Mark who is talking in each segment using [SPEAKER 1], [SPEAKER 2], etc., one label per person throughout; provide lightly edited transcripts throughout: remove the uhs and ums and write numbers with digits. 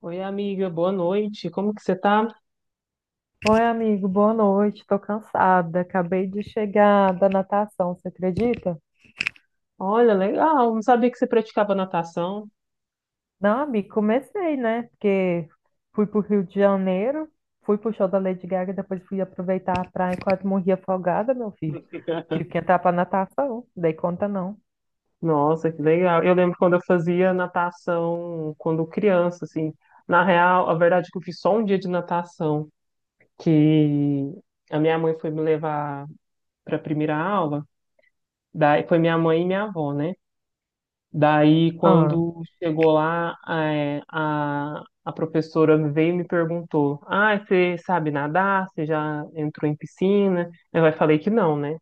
[SPEAKER 1] Oi, amiga, boa noite. Como que você tá?
[SPEAKER 2] Oi, amigo, boa noite. Tô cansada. Acabei de chegar da natação, você acredita?
[SPEAKER 1] Olha, legal. Não sabia que você praticava natação.
[SPEAKER 2] Não, amigo, comecei, né? Porque fui pro Rio de Janeiro, fui pro show da Lady Gaga, depois fui aproveitar a praia e quase morri afogada, meu filho. Tive que entrar pra natação, dei conta não.
[SPEAKER 1] Nossa, que legal. Eu lembro quando eu fazia natação quando criança, assim. Na real, a verdade é que eu fiz só um dia de natação, que a minha mãe foi me levar para a primeira aula. Daí foi minha mãe e minha avó, né? Daí,
[SPEAKER 2] Ah.
[SPEAKER 1] quando chegou lá, a professora veio e me perguntou: Ah, você sabe nadar? Você já entrou em piscina? Eu aí falei que não, né?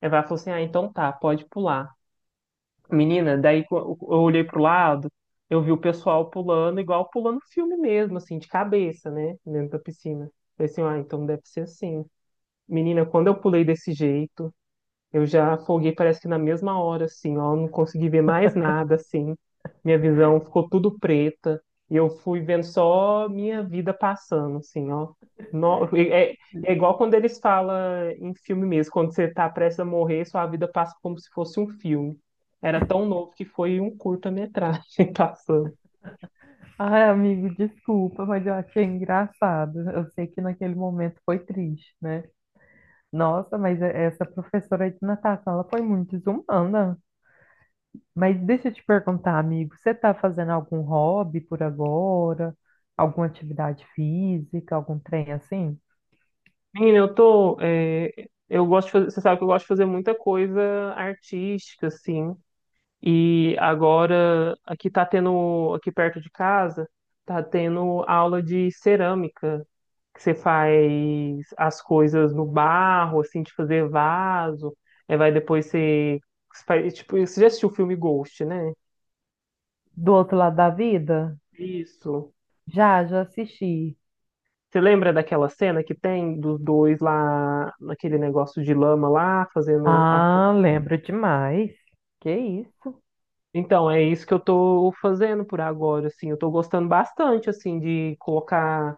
[SPEAKER 1] Ela falou assim: Ah, então tá, pode pular. Menina, eu olhei pro lado, eu vi o pessoal pulando, igual pulando filme mesmo, assim, de cabeça, né? Dentro da piscina. Eu falei assim: Ah, então deve ser assim. Menina, quando eu pulei desse jeito, eu já afoguei, parece que na mesma hora, assim, ó, não consegui ver mais nada, assim. Minha visão ficou tudo preta e eu fui vendo só minha vida passando, assim, ó. No- é, é igual quando eles falam em filme mesmo, quando você tá prestes a morrer, sua vida passa como se fosse um filme. Era tão novo que foi um curta-metragem passando.
[SPEAKER 2] Ai, amigo, desculpa, mas eu achei engraçado. Eu sei que naquele momento foi triste, né? Nossa, mas essa professora de natação, ela foi muito desumana. Mas deixa eu te perguntar, amigo, você tá fazendo algum hobby por agora? Alguma atividade física, algum trem assim?
[SPEAKER 1] Menina, eu gosto de fazer, você sabe que eu gosto de fazer muita coisa artística, assim. E agora, aqui tá tendo, aqui perto de casa, tá tendo aula de cerâmica, que você faz as coisas no barro, assim, de fazer vaso, aí vai depois você, faz, tipo, você já assistiu o filme Ghost, né?
[SPEAKER 2] Do outro lado da vida?
[SPEAKER 1] Isso.
[SPEAKER 2] Já, já assisti.
[SPEAKER 1] Você lembra daquela cena que tem dos dois lá, naquele negócio de lama lá, fazendo a... co-
[SPEAKER 2] Ah, lembro demais. Que isso?
[SPEAKER 1] Então, é isso que eu tô fazendo por agora, assim, eu tô gostando bastante, assim, de colocar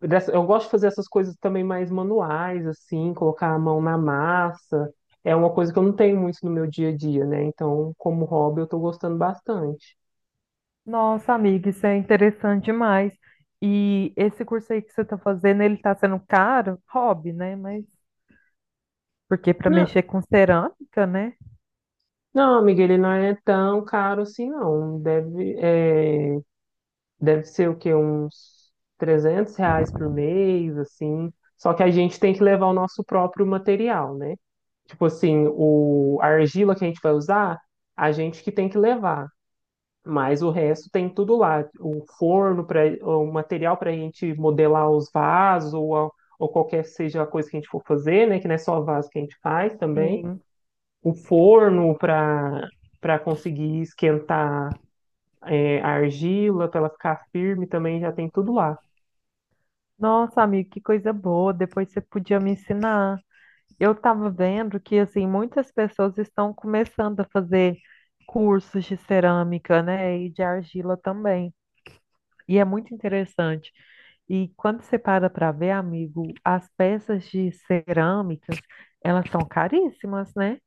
[SPEAKER 1] dessa- Eu gosto de fazer essas coisas também mais manuais, assim, colocar a mão na massa. É uma coisa que eu não tenho muito no meu dia a dia, né? Então, como hobby, eu tô gostando bastante.
[SPEAKER 2] Nossa, amiga, isso é interessante demais. E esse curso aí que você está fazendo, ele está sendo caro? Hobby, né? Mas porque para
[SPEAKER 1] Não,
[SPEAKER 2] mexer com cerâmica, né?
[SPEAKER 1] não, amiga, ele não é tão caro assim, não. Deve ser o quê? Uns R$ 300 por mês, assim. Só que a gente tem que levar o nosso próprio material, né? Tipo assim, a argila que a gente vai usar, a gente que tem que levar. Mas o resto tem tudo lá, o forno para o material para a gente modelar os vasos ou, a- ou qualquer seja a coisa que a gente for fazer, né? Que não é só vaso que a gente faz também.
[SPEAKER 2] Sim.
[SPEAKER 1] O forno para conseguir esquentar a argila, para ela ficar firme também já tem tudo lá.
[SPEAKER 2] Nossa, amigo, que coisa boa. Depois você podia me ensinar. Eu estava vendo que assim muitas pessoas estão começando a fazer cursos de cerâmica, né? E de argila também. E é muito interessante. E quando você para para ver, amigo, as peças de cerâmicas, elas são caríssimas, né?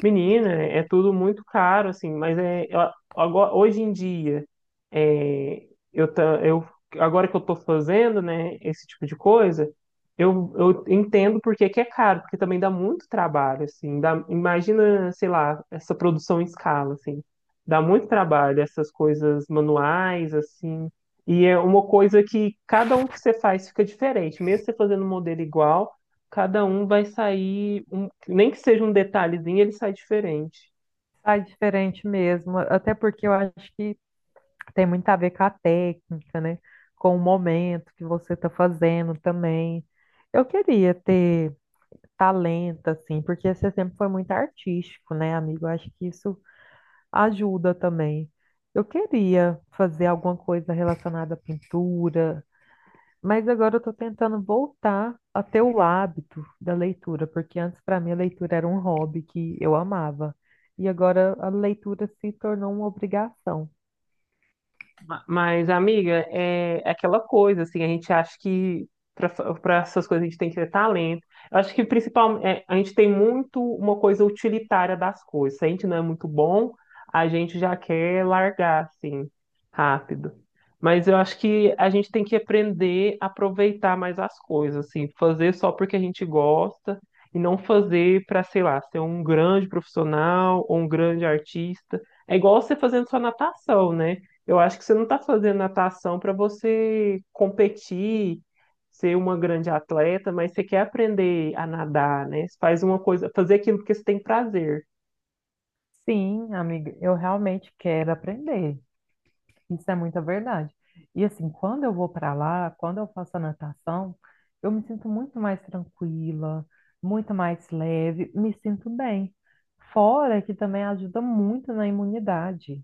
[SPEAKER 1] Menina, é tudo muito caro, assim, agora, hoje em dia, é, eu, ta- eu, agora que eu tô fazendo, né, esse tipo de coisa, eu entendo por que que é caro, porque também dá muito trabalho, assim, dá, imagina, sei lá, essa produção em escala, assim, dá muito trabalho, essas coisas manuais, assim, e é uma coisa que cada um que você faz fica diferente, mesmo você fazendo um modelo igual, cada um vai sair, um- nem que seja um detalhezinho, ele sai diferente.
[SPEAKER 2] Sai diferente mesmo, até porque eu acho que tem muito a ver com a técnica, né? Com o momento que você está fazendo também. Eu queria ter talento, assim, porque você sempre foi muito artístico, né, amigo? Eu acho que isso ajuda também. Eu queria fazer alguma coisa relacionada à pintura, mas agora eu tô tentando voltar a ter o hábito da leitura, porque antes para mim a leitura era um hobby que eu amava. E agora a leitura se tornou uma obrigação.
[SPEAKER 1] Mas, amiga, é aquela coisa, assim, a gente acha que para essas coisas a gente tem que ter talento. Eu acho que principalmente a gente tem muito uma coisa utilitária das coisas. Se a gente não é muito bom, a gente já quer largar, assim, rápido. Mas eu acho que a gente tem que aprender a aproveitar mais as coisas, assim, fazer só porque a gente gosta e não fazer para, sei lá, ser um grande profissional ou um grande artista. É igual você fazendo sua natação, né? Eu acho que você não está fazendo natação para você competir, ser uma grande atleta, mas você quer aprender a nadar, né? Você faz uma coisa, fazer aquilo porque você tem prazer.
[SPEAKER 2] Sim, amiga, eu realmente quero aprender. Isso é muita verdade. E assim, quando eu vou para lá, quando eu faço a natação, eu me sinto muito mais tranquila, muito mais leve, me sinto bem. Fora que também ajuda muito na imunidade.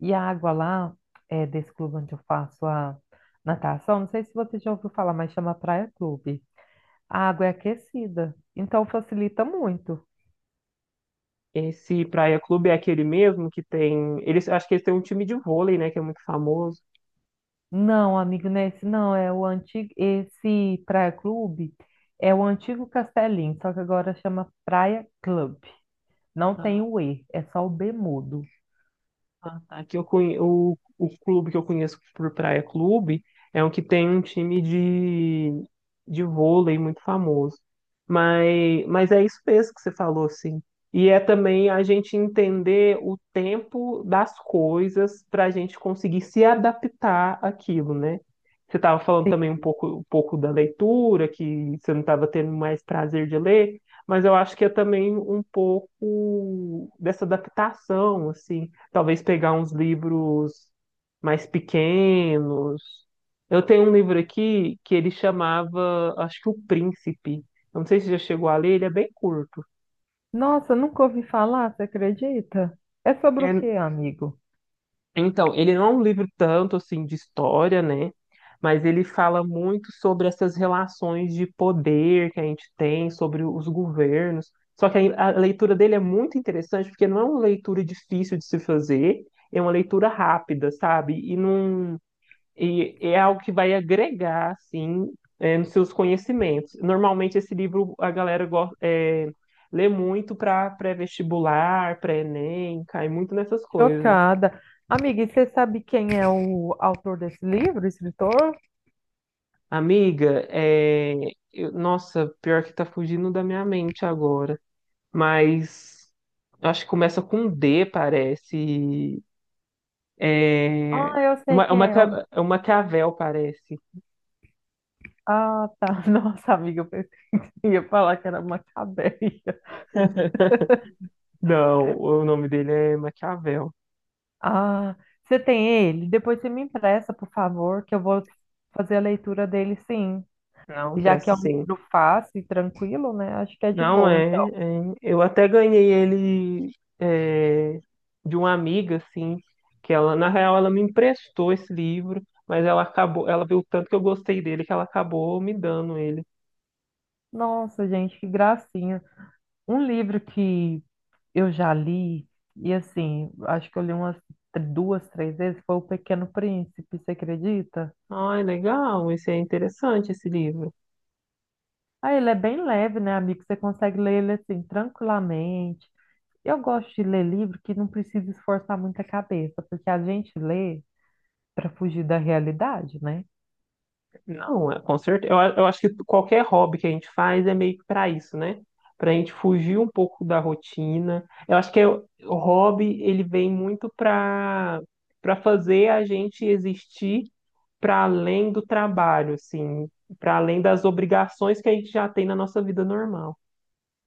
[SPEAKER 2] E a água lá, desse clube onde eu faço a natação, não sei se você já ouviu falar, mas chama Praia Clube. A água é aquecida, então facilita muito.
[SPEAKER 1] Esse Praia Clube é aquele mesmo que tem. Eles, acho que eles têm um time de vôlei, né? Que é muito famoso.
[SPEAKER 2] Não, amigo, não é esse não, é o antigo, esse Praia Clube é o antigo Castelinho, só que agora chama Praia Clube. Não tem o E, é só o B mudo.
[SPEAKER 1] Ah, tá. Aqui eu conhe... o clube que eu conheço por Praia Clube é um que tem um time de vôlei muito famoso. Mas é isso mesmo que você falou, assim. E é também a gente entender o tempo das coisas para a gente conseguir se adaptar àquilo, né? Você estava falando também
[SPEAKER 2] Sim.
[SPEAKER 1] um pouco da leitura, que você não estava tendo mais prazer de ler, mas eu acho que é também um pouco dessa adaptação, assim. Talvez pegar uns livros mais pequenos. Eu tenho um livro aqui que ele chamava, acho que O Príncipe. Eu não sei se já chegou a ler, ele é bem curto.
[SPEAKER 2] Nossa, nunca ouvi falar, você acredita? É sobre o
[SPEAKER 1] É,
[SPEAKER 2] quê, amigo?
[SPEAKER 1] então, ele não é um livro tanto assim de história, né? Mas ele fala muito sobre essas relações de poder que a gente tem, sobre os governos. Só que a leitura dele é muito interessante, porque não é uma leitura difícil de se fazer, é uma leitura rápida, sabe? E não, E é algo que vai agregar, assim, nos seus conhecimentos. Normalmente, esse livro a galera gosta, lê muito para pré-vestibular, pré-ENEM, cai muito nessas coisas.
[SPEAKER 2] Chocada. Amiga, e você sabe quem é o autor desse livro, escritor?
[SPEAKER 1] Amiga, nossa, pior que tá fugindo da minha mente agora, mas acho que começa com um D, parece. É,
[SPEAKER 2] Ah, eu sei quem é.
[SPEAKER 1] é um Maquiavel, parece.
[SPEAKER 2] Ah, tá. Nossa, amiga, eu pensei que você ia falar que era Macabeia.
[SPEAKER 1] Não, o nome dele é Maquiavel.
[SPEAKER 2] Ah, você tem ele? Depois você me empresta, por favor, que eu vou fazer a leitura dele, sim.
[SPEAKER 1] Não,
[SPEAKER 2] Já que é
[SPEAKER 1] presta
[SPEAKER 2] um
[SPEAKER 1] sim.
[SPEAKER 2] livro fácil e tranquilo, né? Acho que é de
[SPEAKER 1] Não
[SPEAKER 2] boa,
[SPEAKER 1] é,
[SPEAKER 2] então.
[SPEAKER 1] é. Eu até ganhei ele é, de uma amiga, assim, que na real, ela me emprestou esse livro, mas ela viu o tanto que eu gostei dele que ela acabou me dando ele.
[SPEAKER 2] Nossa, gente, que gracinha. Um livro que eu já li, e assim, acho que eu li umas duas, três vezes, foi O Pequeno Príncipe, você acredita?
[SPEAKER 1] Ai, legal, esse é interessante esse livro.
[SPEAKER 2] Ah, ele é bem leve, né, amigo? Você consegue ler ele assim, tranquilamente. Eu gosto de ler livro que não precisa esforçar muito a cabeça, porque a gente lê para fugir da realidade, né?
[SPEAKER 1] Não, é, com certeza. Eu acho que qualquer hobby que a gente faz é meio que para isso, né? Para a gente fugir um pouco da rotina. Eu acho que o hobby, ele vem muito para fazer a gente existir para além do trabalho, assim, para além das obrigações que a gente já tem na nossa vida normal.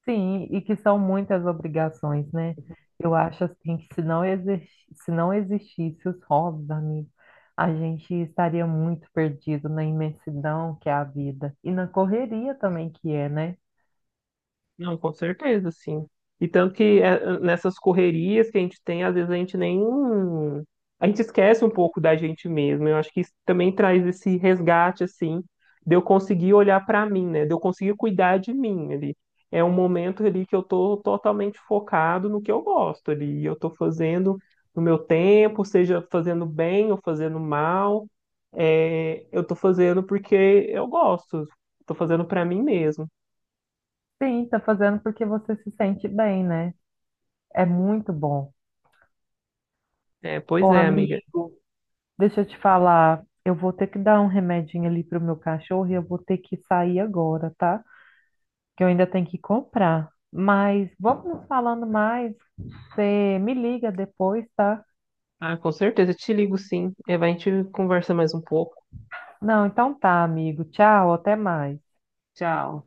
[SPEAKER 2] Sim, e que são muitas obrigações, né? Eu acho assim que se não existisse os hobbies, amigo, a gente estaria muito perdido na imensidão que é a vida e na correria também que é, né?
[SPEAKER 1] Não, com certeza, sim. E tanto que é, nessas correrias que a gente tem, às vezes a gente nem. A gente esquece um pouco da gente mesmo. Eu acho que isso também traz esse resgate, assim, de eu conseguir olhar para mim, né? De eu conseguir cuidar de mim ali. É um momento ali que eu tô totalmente focado no que eu gosto ali. E eu tô fazendo no meu tempo, seja fazendo bem ou fazendo mal. É, eu tô fazendo porque eu gosto. Tô fazendo para mim mesmo.
[SPEAKER 2] Sim, tá fazendo porque você se sente bem, né? É muito bom.
[SPEAKER 1] É, pois
[SPEAKER 2] Ô,
[SPEAKER 1] é, amiga.
[SPEAKER 2] amigo. Deixa eu te falar, eu vou ter que dar um remedinho ali pro meu cachorro e eu vou ter que sair agora, tá? Que eu ainda tenho que comprar. Mas vamos nos falando mais. Você me liga depois, tá?
[SPEAKER 1] Ah, com certeza, te ligo sim. E vai, a gente conversa mais um pouco.
[SPEAKER 2] Não, então tá, amigo. Tchau, até mais.
[SPEAKER 1] Tchau.